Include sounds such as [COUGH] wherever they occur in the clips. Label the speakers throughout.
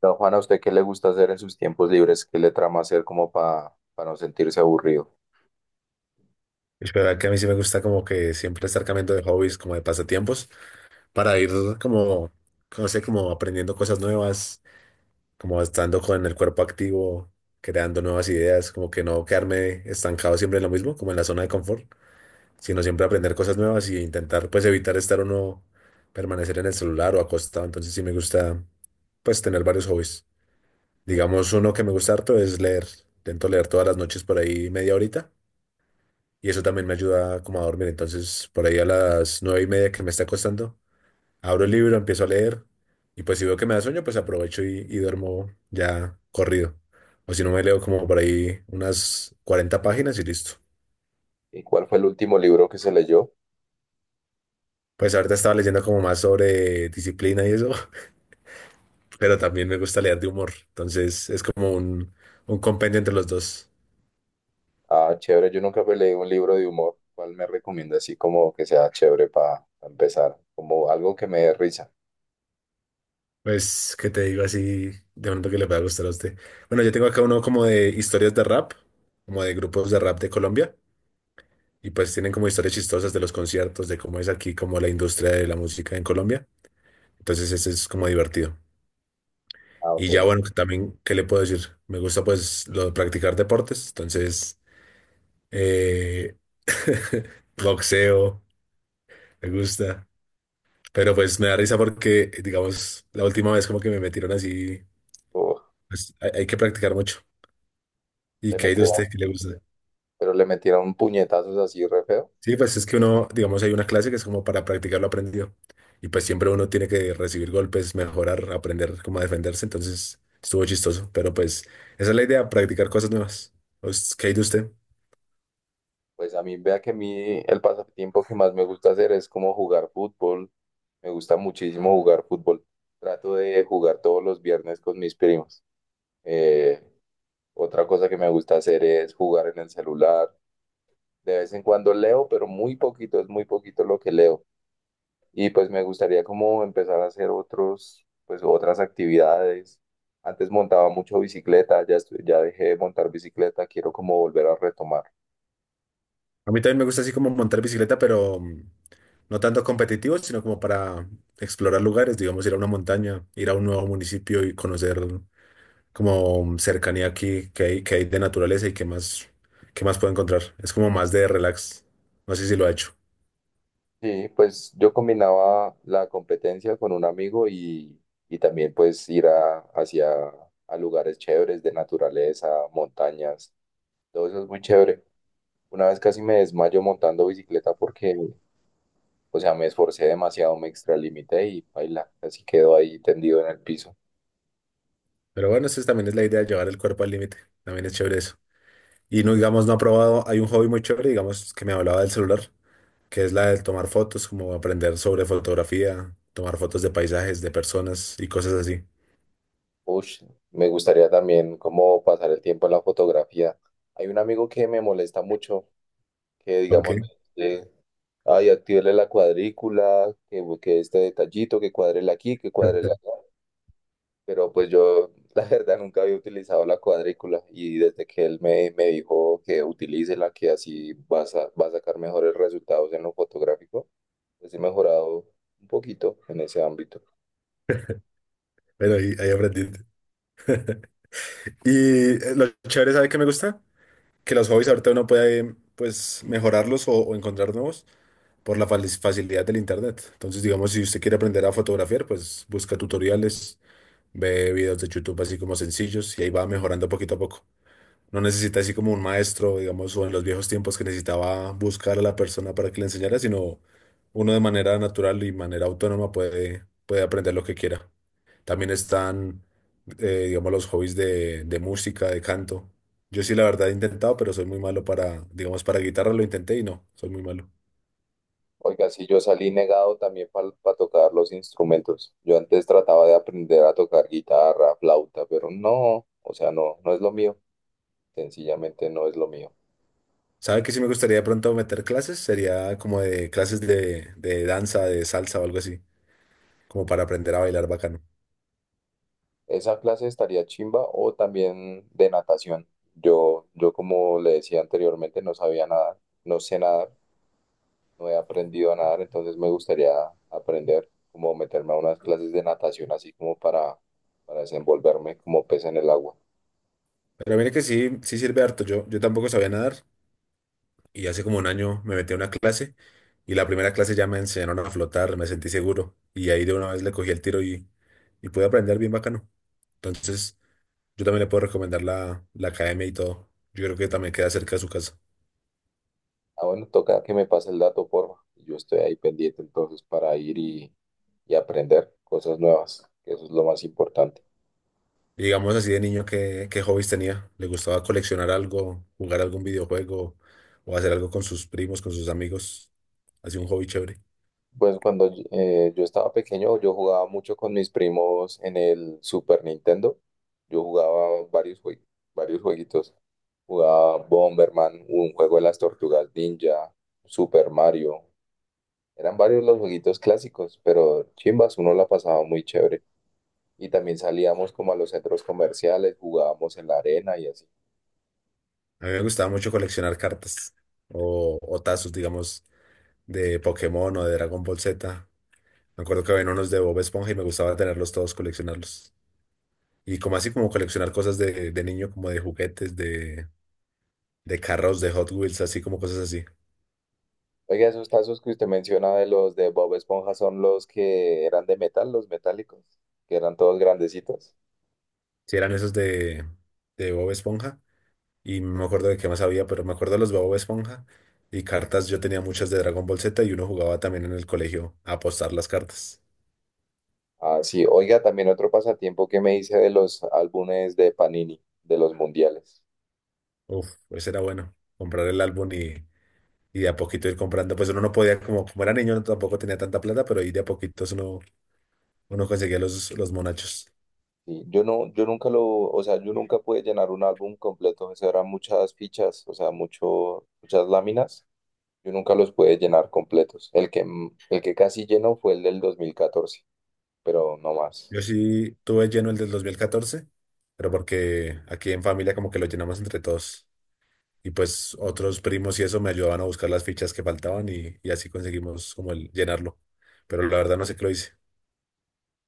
Speaker 1: Don Juan, ¿a usted qué le gusta hacer en sus tiempos libres? ¿Qué le trama hacer como para no sentirse aburrido?
Speaker 2: Es verdad que a mí sí me gusta como que siempre estar cambiando de hobbies, como de pasatiempos, para ir como, no sé, como aprendiendo cosas nuevas, como estando con el cuerpo activo, creando nuevas ideas, como que no quedarme estancado siempre en lo mismo, como en la zona de confort, sino siempre aprender cosas nuevas y intentar pues evitar estar uno, permanecer en el celular o acostado. Entonces sí me gusta pues tener varios hobbies. Digamos, uno que me gusta harto es leer. Intento leer todas las noches por ahí media horita y eso también me ayuda como a dormir. Entonces, por ahí a las 9:30 que me está acostando, abro el libro, empiezo a leer y pues si veo que me da sueño, pues aprovecho y duermo ya corrido. O si no, me leo como por ahí unas 40 páginas y listo.
Speaker 1: ¿Y cuál fue el último libro que se leyó?
Speaker 2: Pues ahorita estaba leyendo como más sobre disciplina y eso, [LAUGHS] pero también me gusta leer de humor. Entonces es como un compendio entre los dos.
Speaker 1: Ah, chévere, yo nunca me leí un libro de humor. ¿Cuál me recomienda así como que sea chévere para empezar? Como algo que me dé risa.
Speaker 2: Pues, ¿qué te digo así? De pronto que le pueda gustar a usted. Bueno, yo tengo acá uno como de historias de rap, como de grupos de rap de Colombia. Y pues tienen como historias chistosas de los conciertos, de cómo es aquí como la industria de la música en Colombia. Entonces ese es como divertido.
Speaker 1: Ah,
Speaker 2: Y ya
Speaker 1: ok.
Speaker 2: bueno, que también, ¿qué le puedo decir? Me gusta pues lo de practicar deportes, entonces eh, [LAUGHS] boxeo, me gusta. Pero pues me da risa porque, digamos, la última vez como que me metieron así,
Speaker 1: Uf,
Speaker 2: pues hay que practicar mucho. ¿Y
Speaker 1: le
Speaker 2: qué hay de
Speaker 1: metieron-
Speaker 2: usted que le gusta?
Speaker 1: pero le metieron puñetazos así re feo.
Speaker 2: Sí, pues es que uno, digamos, hay una clase que es como para practicar lo aprendido. Y pues siempre uno tiene que recibir golpes, mejorar, aprender cómo defenderse. Entonces estuvo chistoso. Pero pues esa es la idea, practicar cosas nuevas. Pues, ¿qué hay de usted?
Speaker 1: Pues a mí, vea que a mí el pasatiempo que más me gusta hacer es como jugar fútbol. Me gusta muchísimo jugar fútbol. Trato de jugar todos los viernes con mis primos. Eh, Otra cosa que me gusta hacer es jugar en el celular. De vez en cuando leo, pero muy poquito, es muy poquito lo que leo. Y pues me gustaría como empezar a hacer otros, pues otras actividades. Antes montaba mucho bicicleta, ya dejé de montar bicicleta, quiero como volver a retomar.
Speaker 2: A mí también me gusta así como montar bicicleta, pero no tanto competitivo, sino como para explorar lugares, digamos, ir a una montaña, ir a un nuevo municipio y conocer como cercanía aquí que hay de naturaleza y qué más puedo encontrar. Es como más de relax. No sé si lo ha hecho.
Speaker 1: Sí, pues yo combinaba la competencia con un amigo y también pues ir hacia a lugares chéveres de naturaleza, montañas, todo eso es muy chévere. Una vez casi me desmayo montando bicicleta porque, o sea, me esforcé demasiado, me extralimité y baila, así quedó ahí tendido en el piso.
Speaker 2: Pero bueno, esa también es la idea, llevar el cuerpo al límite. También es chévere eso. Y no, digamos, no ha probado, hay un hobby muy chévere, digamos, que me hablaba del celular, que es la de tomar fotos, como aprender sobre fotografía, tomar fotos de paisajes, de personas y cosas así.
Speaker 1: Ush, me gustaría también como pasar el tiempo en la fotografía. Hay un amigo que me molesta mucho, que
Speaker 2: ¿Por
Speaker 1: digamos, me
Speaker 2: qué?
Speaker 1: dice, ay, actívele la cuadrícula, que este detallito, que cuadrele aquí, que cuadrele
Speaker 2: [LAUGHS]
Speaker 1: allá. Pero pues yo [LAUGHS] la verdad nunca había utilizado la cuadrícula y desde que él me dijo que utilice la que así va a sacar mejores resultados en lo fotográfico, pues he mejorado un poquito en ese ámbito.
Speaker 2: Pero ahí aprendí. [LAUGHS] Y lo chévere, ¿sabe qué me gusta? Que los hobbies ahorita uno puede, pues, mejorarlos o encontrar nuevos por la facilidad del internet. Entonces, digamos, si usted quiere aprender a fotografiar, pues busca tutoriales. Ve videos de YouTube así como sencillos y ahí va mejorando poquito a poco. No necesita así como un maestro, digamos, o en los viejos tiempos que necesitaba buscar a la persona para que le enseñara, sino uno de manera natural y manera autónoma puede aprender lo que quiera. También están, digamos, los hobbies de música, de canto. Yo sí, la verdad, he intentado, pero soy muy malo para, digamos, para guitarra lo intenté y no, soy muy malo.
Speaker 1: Oiga, sí, yo salí negado también para tocar los instrumentos. Yo antes trataba de aprender a tocar guitarra, flauta, pero no, o sea, no, no es lo mío, sencillamente no es lo mío.
Speaker 2: ¿Sabe que sí me gustaría de pronto meter clases? Sería como de clases de danza, de salsa o algo así. Como para aprender a bailar bacano.
Speaker 1: Esa clase estaría chimba o también de natación. Yo como le decía anteriormente, no sabía nadar, no sé nadar, no he aprendido a nadar, entonces me gustaría aprender, como meterme a unas clases de natación, así como para desenvolverme como pez en el agua.
Speaker 2: Pero mire que sí, sí sirve harto. Yo tampoco sabía nadar y hace como un año me metí a una clase y la primera clase ya me enseñaron a flotar, me sentí seguro y ahí de una vez le cogí el tiro y pude aprender bien bacano. Entonces, yo también le puedo recomendar la academia y todo. Yo creo que también queda cerca de su casa.
Speaker 1: Ah, bueno, toca que me pase el dato, porfa. Yo estoy ahí pendiente entonces para ir y aprender cosas nuevas, que eso es lo más importante.
Speaker 2: Y digamos así de niño, ¿qué hobbies tenía? ¿Le gustaba coleccionar algo, jugar algún videojuego o hacer algo con sus primos, con sus amigos? Así un hobby chévere.
Speaker 1: Pues cuando yo estaba pequeño, yo jugaba mucho con mis primos en el Super Nintendo. Yo jugaba varios jueguitos. Jugaba Bomberman, un juego de las tortugas ninja, Super Mario. Eran varios los jueguitos clásicos, pero chimbas, uno la pasaba muy chévere. Y también salíamos como a los centros comerciales, jugábamos en la arena y así.
Speaker 2: A mí me gustaba mucho coleccionar cartas o tazos, digamos, de Pokémon o de Dragon Ball Z. Me acuerdo que había unos de Bob Esponja y me gustaba tenerlos todos, coleccionarlos. Y como así, como coleccionar cosas de niño, como de juguetes, de carros, de Hot Wheels, así como cosas así.
Speaker 1: Oiga, esos tazos que usted menciona de los de Bob Esponja son los que eran de metal, los metálicos, que eran todos grandecitos.
Speaker 2: Si eran esos de Bob Esponja. Y no me acuerdo de qué más había, pero me acuerdo de los de Bob Esponja. Y cartas, yo tenía muchas de Dragon Ball Z y uno jugaba también en el colegio a apostar las cartas.
Speaker 1: Ah, sí, oiga, también otro pasatiempo que me hice de los álbumes de Panini, de los mundiales.
Speaker 2: Uf, ese era bueno. Comprar el álbum y de a poquito ir comprando. Pues uno no podía, como, como era niño, no tampoco tenía tanta plata, pero ahí de a poquitos uno conseguía los monachos.
Speaker 1: Sí, yo nunca lo, o sea, yo nunca pude llenar un álbum completo, eso eran muchas fichas, o sea, muchas láminas, yo nunca los pude llenar completos. El que casi llenó fue el del 2014, pero no más.
Speaker 2: Yo sí tuve lleno el del 2014 pero porque aquí en familia como que lo llenamos entre todos. Y pues otros primos y eso me ayudaban a buscar las fichas que faltaban y así conseguimos como el llenarlo. Pero la verdad no sé qué lo hice.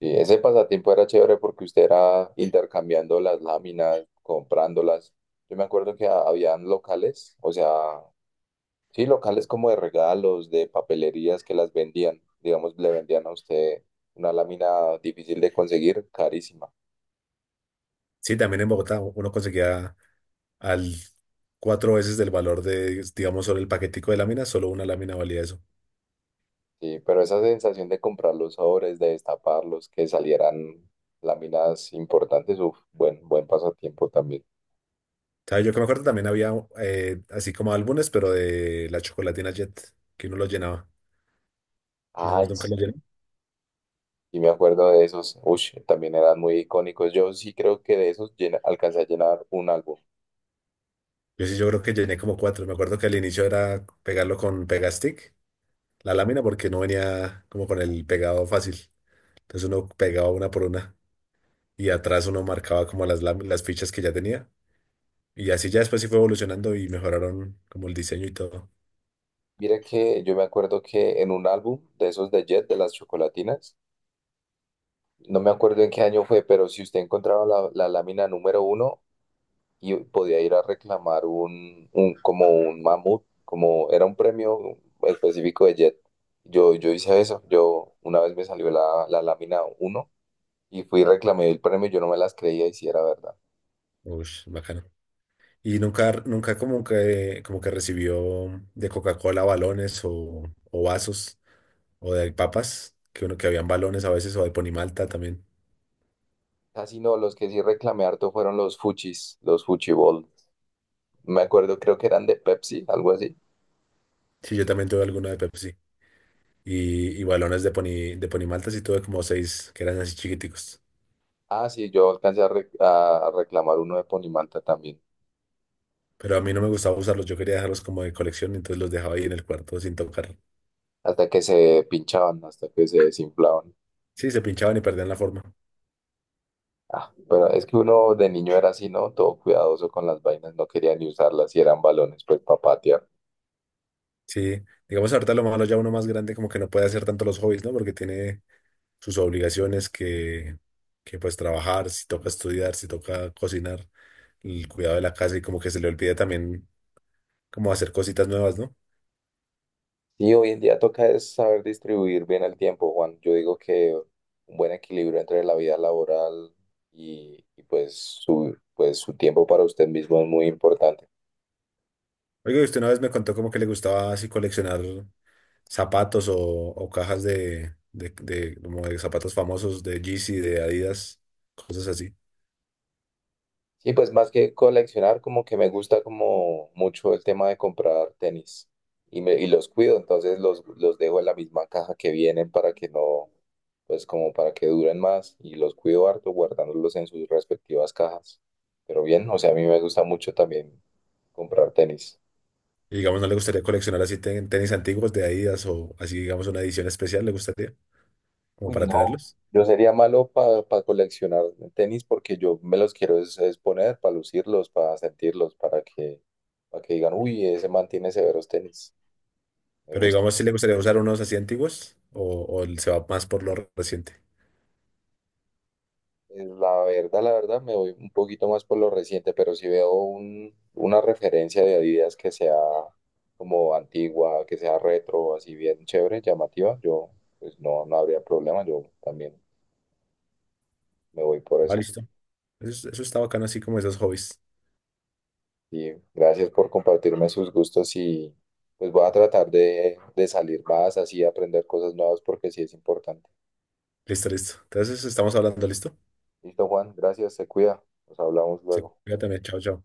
Speaker 1: Sí, ese pasatiempo era chévere porque usted era intercambiando las láminas, comprándolas. Yo me acuerdo que habían locales, o sea, sí, locales como de regalos, de papelerías que las vendían. Digamos, le vendían a usted una lámina difícil de conseguir, carísima.
Speaker 2: Sí, también en Bogotá uno conseguía al cuatro veces del valor de, digamos, solo el paquetico de láminas, solo una lámina valía eso.
Speaker 1: Sí, pero esa sensación de comprar los sobres, de destaparlos, que salieran láminas importantes, uf, buen pasatiempo también.
Speaker 2: ¿Sabes? Yo que me acuerdo también había así como álbumes, pero de la Chocolatina Jet, que uno lo llenaba. No, ¿vos
Speaker 1: Ay,
Speaker 2: nunca
Speaker 1: sí,
Speaker 2: lo llené.
Speaker 1: y me acuerdo de esos, ush, también eran muy icónicos. Yo sí creo que de esos alcancé a llenar un álbum.
Speaker 2: Yo sí, yo creo que llené como cuatro. Me acuerdo que al inicio era pegarlo con Pegastick, la lámina, porque no venía como con el pegado fácil. Entonces uno pegaba una por una y atrás uno marcaba como las fichas que ya tenía. Y así ya después sí fue evolucionando y mejoraron como el diseño y todo.
Speaker 1: Mira que yo me acuerdo que en un álbum de esos de Jet, de las chocolatinas, no me acuerdo en qué año fue, pero si usted encontraba la lámina número uno y podía ir a reclamar un como un mamut, como era un premio específico de Jet. Yo hice eso, yo una vez me salió la lámina uno y fui y reclamé el premio, yo no me las creía y si era verdad.
Speaker 2: Uy, bacano. Y nunca, nunca como que recibió de Coca-Cola balones o vasos. O de papas, que uno que habían balones a veces, o de Ponimalta también.
Speaker 1: Casi no, los que sí reclamé harto fueron los Fuchis, los Fuchibol. Me acuerdo, creo que eran de Pepsi, algo así.
Speaker 2: Sí, yo también tuve alguna de Pepsi. Y balones de Poni, de Ponimalta sí tuve como seis, que eran así chiquiticos.
Speaker 1: Ah, sí, yo alcancé a reclamar uno de Ponimalta también.
Speaker 2: Pero a mí no me gustaba usarlos, yo quería dejarlos como de colección, entonces los dejaba ahí en el cuarto sin tocar.
Speaker 1: Hasta que se pinchaban, hasta que se desinflaban.
Speaker 2: Sí, se pinchaban y perdían la forma.
Speaker 1: Ah, pero es que uno de niño era así, ¿no? Todo cuidadoso con las vainas, no quería ni usarlas y eran balones, pues para patear.
Speaker 2: Sí, digamos ahorita lo malo ya uno más grande como que no puede hacer tanto los hobbies, ¿no? Porque tiene sus obligaciones que pues trabajar, si toca estudiar, si toca cocinar, el cuidado de la casa y como que se le olvida también como hacer cositas nuevas, ¿no?
Speaker 1: Y hoy en día toca es saber distribuir bien el tiempo, Juan. Yo digo que un buen equilibrio entre la vida laboral y pues, pues su tiempo para usted mismo es muy importante.
Speaker 2: Oiga, y usted una vez me contó como que le gustaba así coleccionar zapatos o cajas de como de zapatos famosos de Yeezy, de Adidas, cosas así.
Speaker 1: Sí, pues más que coleccionar, como que me gusta como mucho el tema de comprar tenis y los cuido, entonces los dejo en la misma caja que vienen para que no, pues como para que duren más y los cuido harto guardándolos en sus respectivas cajas. Pero bien, o sea, a mí me gusta mucho también comprar tenis.
Speaker 2: Y digamos, ¿no le gustaría coleccionar así tenis antiguos de Adidas o así, digamos, una edición especial le gustaría, como
Speaker 1: Uy,
Speaker 2: para
Speaker 1: no,
Speaker 2: tenerlos?
Speaker 1: yo sería malo para coleccionar tenis porque yo me los quiero es poner para lucirlos, para sentirlos, para que digan, uy, ese man tiene severos tenis. Me
Speaker 2: Pero
Speaker 1: gusta.
Speaker 2: digamos, si le gustaría usar unos así antiguos o él se va más por lo reciente.
Speaker 1: Pues, la verdad, la verdad, me voy un poquito más por lo reciente, pero si veo una referencia de Adidas que sea como antigua, que sea retro, así bien chévere, llamativa, yo pues no, no habría problema, yo también me voy por
Speaker 2: Ah,
Speaker 1: esa.
Speaker 2: listo. Eso, eso está bacano, así como esos hobbies.
Speaker 1: Y gracias por compartirme sus gustos y pues voy a tratar de salir más, así aprender cosas nuevas porque sí es importante.
Speaker 2: Listo, listo. Entonces, estamos hablando, ¿listo?
Speaker 1: Listo, Juan, gracias, se cuida, nos hablamos
Speaker 2: Se
Speaker 1: luego.
Speaker 2: cuida también. Chao, chao.